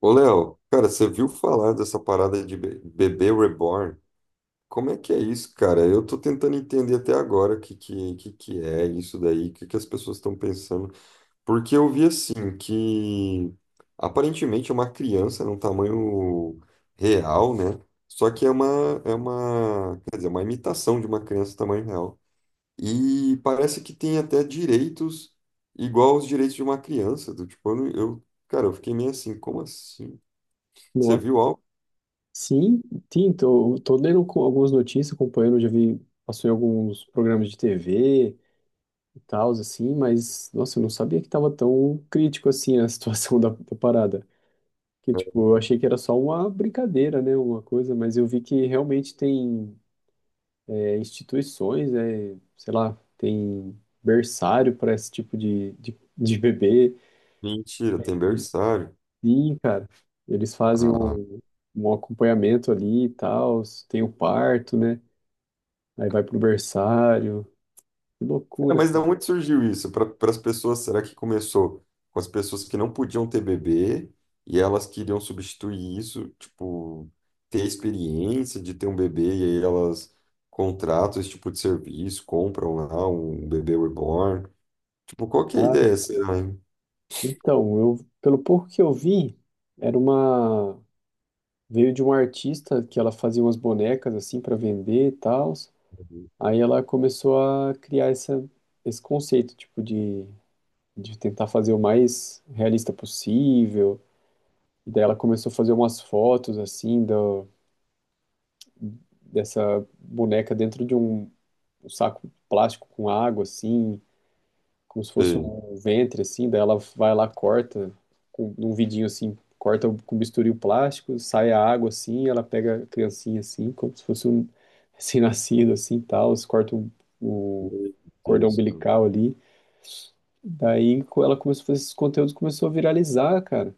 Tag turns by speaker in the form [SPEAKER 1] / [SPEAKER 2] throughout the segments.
[SPEAKER 1] Ô, Léo, cara, você viu falar dessa parada de bebê reborn? Como é que é isso, cara? Eu tô tentando entender até agora o que é isso daí, o que, que as pessoas estão pensando. Porque eu vi assim que aparentemente é uma criança num tamanho real, né? Só que é uma, quer dizer, é uma imitação de uma criança tamanho real. E parece que tem até direitos igual aos direitos de uma criança. Do, tipo, eu, não- eu- cara, eu fiquei meio assim, como assim? Você
[SPEAKER 2] Nossa,
[SPEAKER 1] viu algo?
[SPEAKER 2] sim, sim, tô lendo algumas notícias, acompanhando, já vi, passou em alguns programas de TV e tal, assim, mas, nossa, eu não sabia que tava tão crítico assim a situação da parada. Que, tipo, eu achei que era só uma brincadeira, né, uma coisa, mas eu vi que realmente tem instituições, sei lá, tem berçário para esse tipo de bebê.
[SPEAKER 1] Mentira, tem berçário.
[SPEAKER 2] Sim, cara, eles fazem
[SPEAKER 1] Ah,
[SPEAKER 2] um, um acompanhamento ali e tal, tem o parto, né? Aí vai pro berçário. Que
[SPEAKER 1] cara,
[SPEAKER 2] loucura,
[SPEAKER 1] mas da onde surgiu isso? Para as pessoas, será que começou com as pessoas que não podiam ter bebê e elas queriam substituir isso, tipo, ter a experiência de ter um bebê e aí elas contratam esse tipo de serviço, compram lá um bebê reborn. Tipo, qual que é a
[SPEAKER 2] cara.
[SPEAKER 1] ideia, será, hein?
[SPEAKER 2] Então, eu, pelo pouco que eu vi, era uma. Veio de uma artista que ela fazia umas bonecas assim para vender e tal. Aí ela começou a criar essa, esse conceito, tipo, de tentar fazer o mais realista possível. E daí ela começou a fazer umas fotos assim dessa boneca dentro de um saco plástico com água, assim. Como se fosse
[SPEAKER 1] Sim.
[SPEAKER 2] um ventre, assim, daí ela vai lá, corta, com num vidinho assim, corta com bisturi o plástico, sai a água assim, ela pega a criancinha assim, como se fosse um recém-nascido, assim, tal, corta o
[SPEAKER 1] Meu
[SPEAKER 2] cordão
[SPEAKER 1] Deus, cara.
[SPEAKER 2] umbilical ali. Daí ela começou a fazer esses conteúdos, começou a viralizar, cara,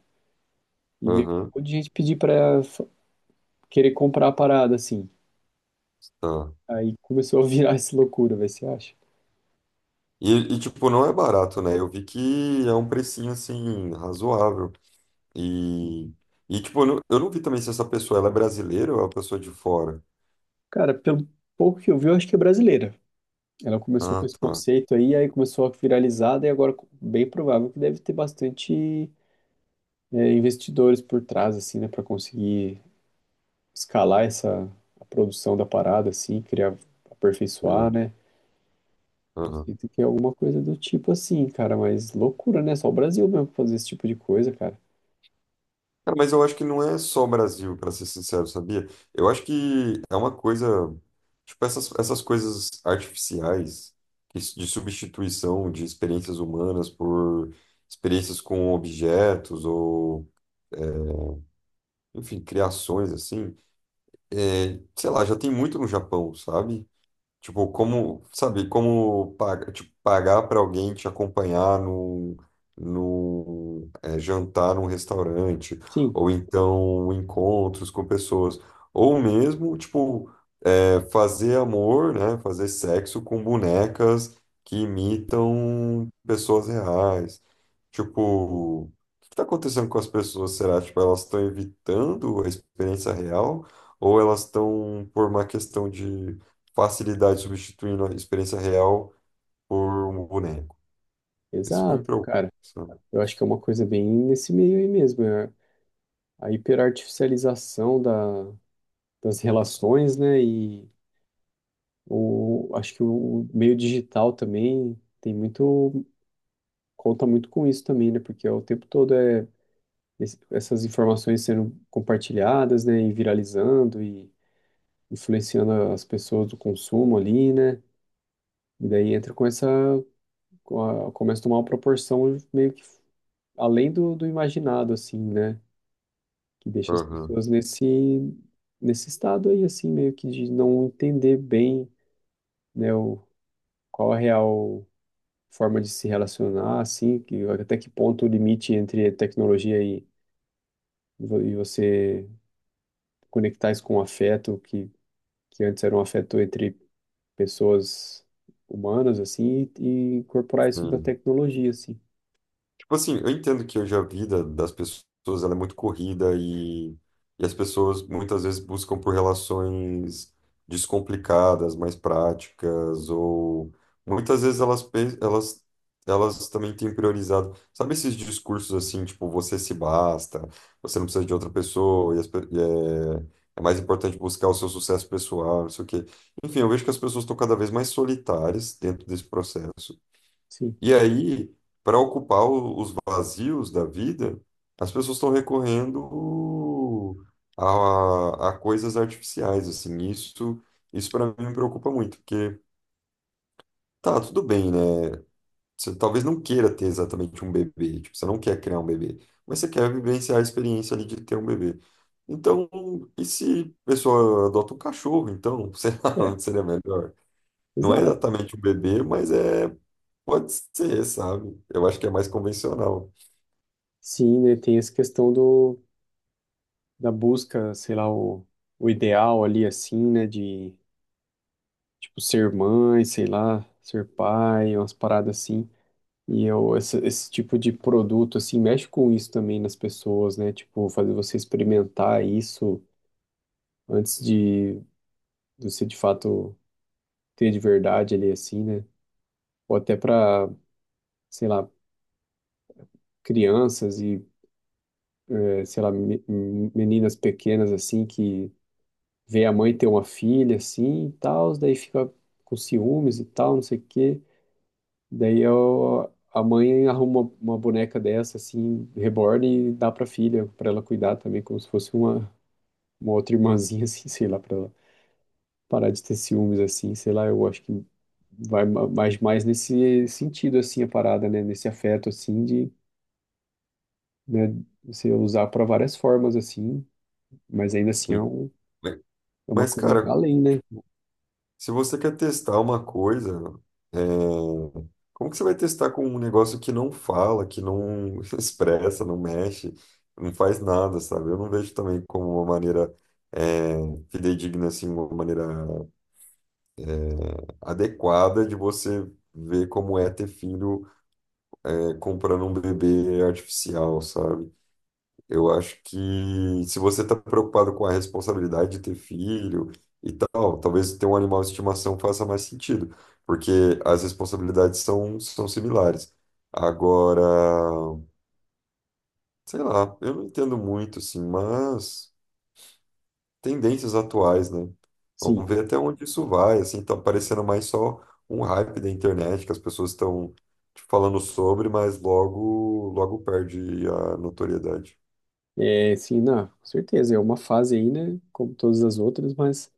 [SPEAKER 2] e veio
[SPEAKER 1] Aham,
[SPEAKER 2] um monte de gente pedir querer comprar a parada, assim.
[SPEAKER 1] tá.
[SPEAKER 2] Aí começou a virar essa loucura, vai, você acha?
[SPEAKER 1] E, tipo, não é barato, né? Eu vi que é um precinho, assim, razoável. E, e tipo, eu não vi também se essa pessoa ela é brasileira ou é uma pessoa de fora.
[SPEAKER 2] Cara, pelo pouco que eu vi, eu acho que é brasileira. Ela começou com
[SPEAKER 1] Ah,
[SPEAKER 2] esse
[SPEAKER 1] tá.
[SPEAKER 2] conceito aí, aí começou a viralizar, e agora bem provável que deve ter bastante investidores por trás, assim, né, para conseguir escalar essa a produção da parada, assim, criar, aperfeiçoar,
[SPEAKER 1] Sei.
[SPEAKER 2] né? Eu
[SPEAKER 1] Aham.
[SPEAKER 2] sinto que é alguma coisa do tipo assim, cara, mas loucura, né? Só o Brasil mesmo pra fazer esse tipo de coisa, cara.
[SPEAKER 1] Cara, mas eu acho que não é só o Brasil, para ser sincero, sabia? Eu acho que é uma coisa, tipo, essas coisas artificiais de substituição de experiências humanas por experiências com objetos ou, enfim, criações assim. É, sei lá, já tem muito no Japão, sabe? Tipo, como, sabe, como pagar, tipo, pagar para alguém te acompanhar num, jantar num restaurante,
[SPEAKER 2] Sim,
[SPEAKER 1] ou então encontros com pessoas, ou mesmo, tipo, é fazer amor, né? Fazer sexo com bonecas que imitam pessoas reais. Tipo, o que está acontecendo com as pessoas? Será? Tipo, elas estão evitando a experiência real ou elas estão, por uma questão de facilidade, substituindo a experiência real por um boneco? Isso que me
[SPEAKER 2] exato,
[SPEAKER 1] preocupa,
[SPEAKER 2] cara.
[SPEAKER 1] sabe?
[SPEAKER 2] Eu acho que é uma coisa bem nesse meio aí mesmo, é a hiperartificialização das relações, né? E o, acho que o meio digital também tem muito, conta muito com isso também, né? Porque o tempo todo é essas informações sendo compartilhadas, né? E viralizando e influenciando as pessoas do consumo ali, né? E daí entra com essa, começa a tomar uma proporção meio que além do imaginado, assim, né? Que deixa as
[SPEAKER 1] Aham,
[SPEAKER 2] pessoas nesse, nesse estado aí, assim, meio que de não entender bem, né? O, qual é a real forma de se relacionar, assim, que até que ponto o limite entre tecnologia e, e você conectar isso com afeto, que antes era um afeto entre pessoas humanas, assim, e incorporar isso da
[SPEAKER 1] sim.
[SPEAKER 2] tecnologia, assim.
[SPEAKER 1] Tipo assim, eu entendo que hoje a vida das pessoas ela é muito corrida e as pessoas muitas vezes buscam por relações descomplicadas, mais práticas, ou muitas vezes elas, elas também têm priorizado. Sabe esses discursos assim, tipo, você se basta, você não precisa de outra pessoa, e, as pe- e é, é mais importante buscar o seu sucesso pessoal, não sei o quê. Enfim, eu vejo que as pessoas estão cada vez mais solitárias dentro desse processo.
[SPEAKER 2] Sim.
[SPEAKER 1] E aí, para ocupar os vazios da vida, as pessoas estão recorrendo a coisas artificiais, assim. Isso, isso para mim me preocupa muito, porque tá, tudo bem, né? Você talvez não queira ter exatamente um bebê, tipo, você não quer criar um bebê, mas você quer vivenciar a experiência ali de ter um bebê. Então, e se a pessoa adota um cachorro, então, sei lá,
[SPEAKER 2] É,
[SPEAKER 1] não seria melhor? Não é
[SPEAKER 2] exato.
[SPEAKER 1] exatamente um bebê, mas é, pode ser, sabe? Eu acho que é mais convencional.
[SPEAKER 2] Sim, né, tem essa questão do, da busca, sei lá, o ideal ali, assim, né, de, tipo, ser mãe, sei lá, ser pai, umas paradas assim, e eu, esse tipo de produto, assim, mexe com isso também nas pessoas, né? Tipo, fazer você experimentar isso antes de você, de fato, ter de verdade ali, assim, né? Ou até para, sei lá, crianças e, eh, sei lá, meninas pequenas, assim, que vê a mãe ter uma filha, assim, e tal, daí fica com ciúmes e tal, não sei o quê. Daí eu, a mãe arruma uma boneca dessa, assim, reborn e dá pra filha, pra ela cuidar também, como se fosse uma outra irmãzinha, assim, sei lá, pra ela parar de ter ciúmes, assim, sei lá, eu acho que vai mais nesse sentido, assim, a parada, né? Nesse afeto, assim, de, né, você usar para várias formas, assim, mas ainda assim é,
[SPEAKER 1] Sim.
[SPEAKER 2] um,
[SPEAKER 1] Mas,
[SPEAKER 2] é uma
[SPEAKER 1] mas,
[SPEAKER 2] coisa
[SPEAKER 1] cara,
[SPEAKER 2] além, né?
[SPEAKER 1] se você quer testar uma coisa, é, como que você vai testar com um negócio que não fala, que não expressa, não mexe, não faz nada, sabe? Eu não vejo também como uma maneira é, fidedigna, assim, uma maneira adequada de você ver como é ter filho é, comprando um bebê artificial, sabe? Eu acho que se você está preocupado com a responsabilidade de ter filho e tal, talvez ter um animal de estimação faça mais sentido, porque as responsabilidades são similares. Agora, sei lá, eu não entendo muito, assim, mas tendências atuais, né?
[SPEAKER 2] Sim,
[SPEAKER 1] Vamos ver até onde isso vai, assim, tá parecendo mais só um hype da internet que as pessoas estão falando sobre, mas logo, logo perde a notoriedade.
[SPEAKER 2] é, sim, não, com certeza, é uma fase aí, né? Como todas as outras, mas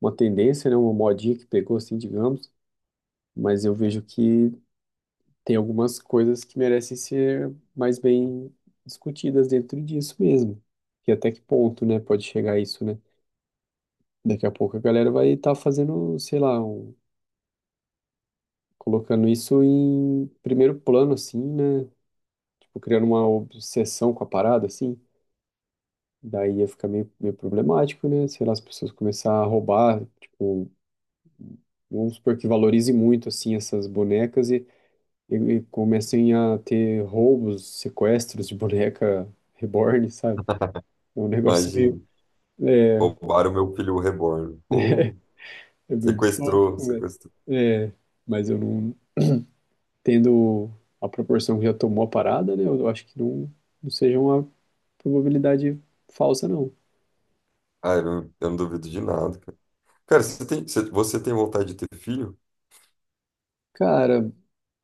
[SPEAKER 2] uma tendência, né? Uma modinha que pegou, assim, digamos, mas eu vejo que tem algumas coisas que merecem ser mais bem discutidas dentro disso mesmo. E até que ponto, né, pode chegar isso, né? Daqui a pouco a galera vai estar fazendo, sei lá, colocando isso em primeiro plano, assim, né? Tipo, criando uma obsessão com a parada, assim. Daí ia ficar meio, meio problemático, né? Sei lá, as pessoas começar a roubar, tipo, vamos supor que valorize muito, assim, essas bonecas e comecem a ter roubos, sequestros de boneca reborn, sabe? É um negócio meio,
[SPEAKER 1] Imagina.
[SPEAKER 2] é,
[SPEAKER 1] Roubaram meu filho reborn. Pô,
[SPEAKER 2] é meio
[SPEAKER 1] sequestrou,
[SPEAKER 2] distópico, né?
[SPEAKER 1] sequestrou.
[SPEAKER 2] É, mas eu não tendo a proporção que já tomou a parada, né? Eu acho que não, não seja uma probabilidade falsa, não.
[SPEAKER 1] Ah, eu não duvido de nada, cara. Cara, você tem vontade de ter filho?
[SPEAKER 2] Cara,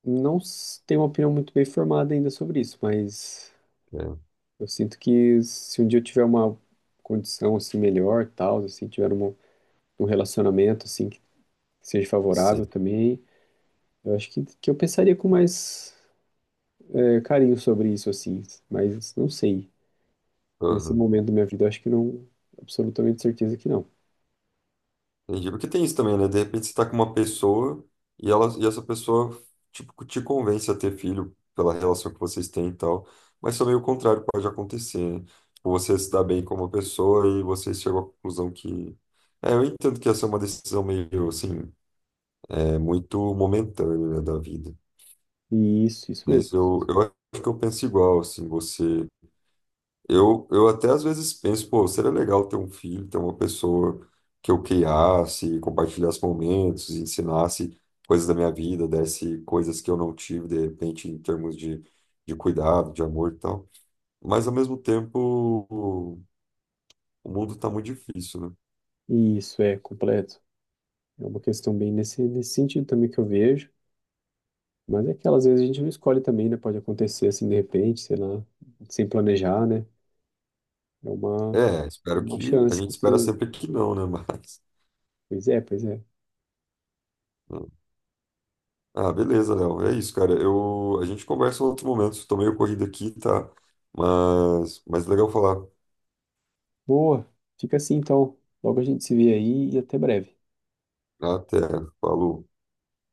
[SPEAKER 2] não s- tenho uma opinião muito bem formada ainda sobre isso, mas
[SPEAKER 1] É,
[SPEAKER 2] eu sinto que se um dia eu tiver uma condição assim melhor, tal, assim, tiver um, um relacionamento assim que seja
[SPEAKER 1] sei.
[SPEAKER 2] favorável também, eu acho que eu pensaria com mais é, carinho sobre isso, assim, mas não sei. Nesse
[SPEAKER 1] Aham.
[SPEAKER 2] momento da minha vida, eu acho que não, absolutamente certeza que não.
[SPEAKER 1] Entendi. Porque tem isso também, né? De repente você tá com uma pessoa e essa pessoa, tipo, te convence a ter filho pela relação que vocês têm e tal. Mas também o contrário pode acontecer, né? Tipo, você se dá bem com uma pessoa e você chegou à conclusão que... É, eu entendo que essa é uma decisão meio, assim, é muito momentânea, né, da vida.
[SPEAKER 2] E isso mesmo.
[SPEAKER 1] Mas eu acho que eu penso igual, assim, você. Eu até às vezes penso, pô, seria legal ter um filho, ter uma pessoa que eu criasse, compartilhasse momentos, ensinasse coisas da minha vida, desse coisas que eu não tive, de repente, em termos de cuidado, de amor e tal. Mas ao mesmo tempo, o mundo tá muito difícil, né?
[SPEAKER 2] E isso é completo. É uma questão bem nesse, nesse sentido também que eu vejo. Mas é que às vezes a gente não escolhe também, né? Pode acontecer assim de repente, sei lá, sem planejar, né? É
[SPEAKER 1] É, espero
[SPEAKER 2] uma
[SPEAKER 1] que. A
[SPEAKER 2] chance
[SPEAKER 1] gente
[SPEAKER 2] que
[SPEAKER 1] espera
[SPEAKER 2] tem.
[SPEAKER 1] sempre que não, né?
[SPEAKER 2] Pois é, pois é.
[SPEAKER 1] Mas. Ah, beleza, Léo. É isso, cara. Eu, a gente conversa em outro momento. Estou meio corrido aqui, tá? Mas legal falar.
[SPEAKER 2] Boa. Fica assim então. Logo a gente se vê aí e até breve.
[SPEAKER 1] Até. Falou.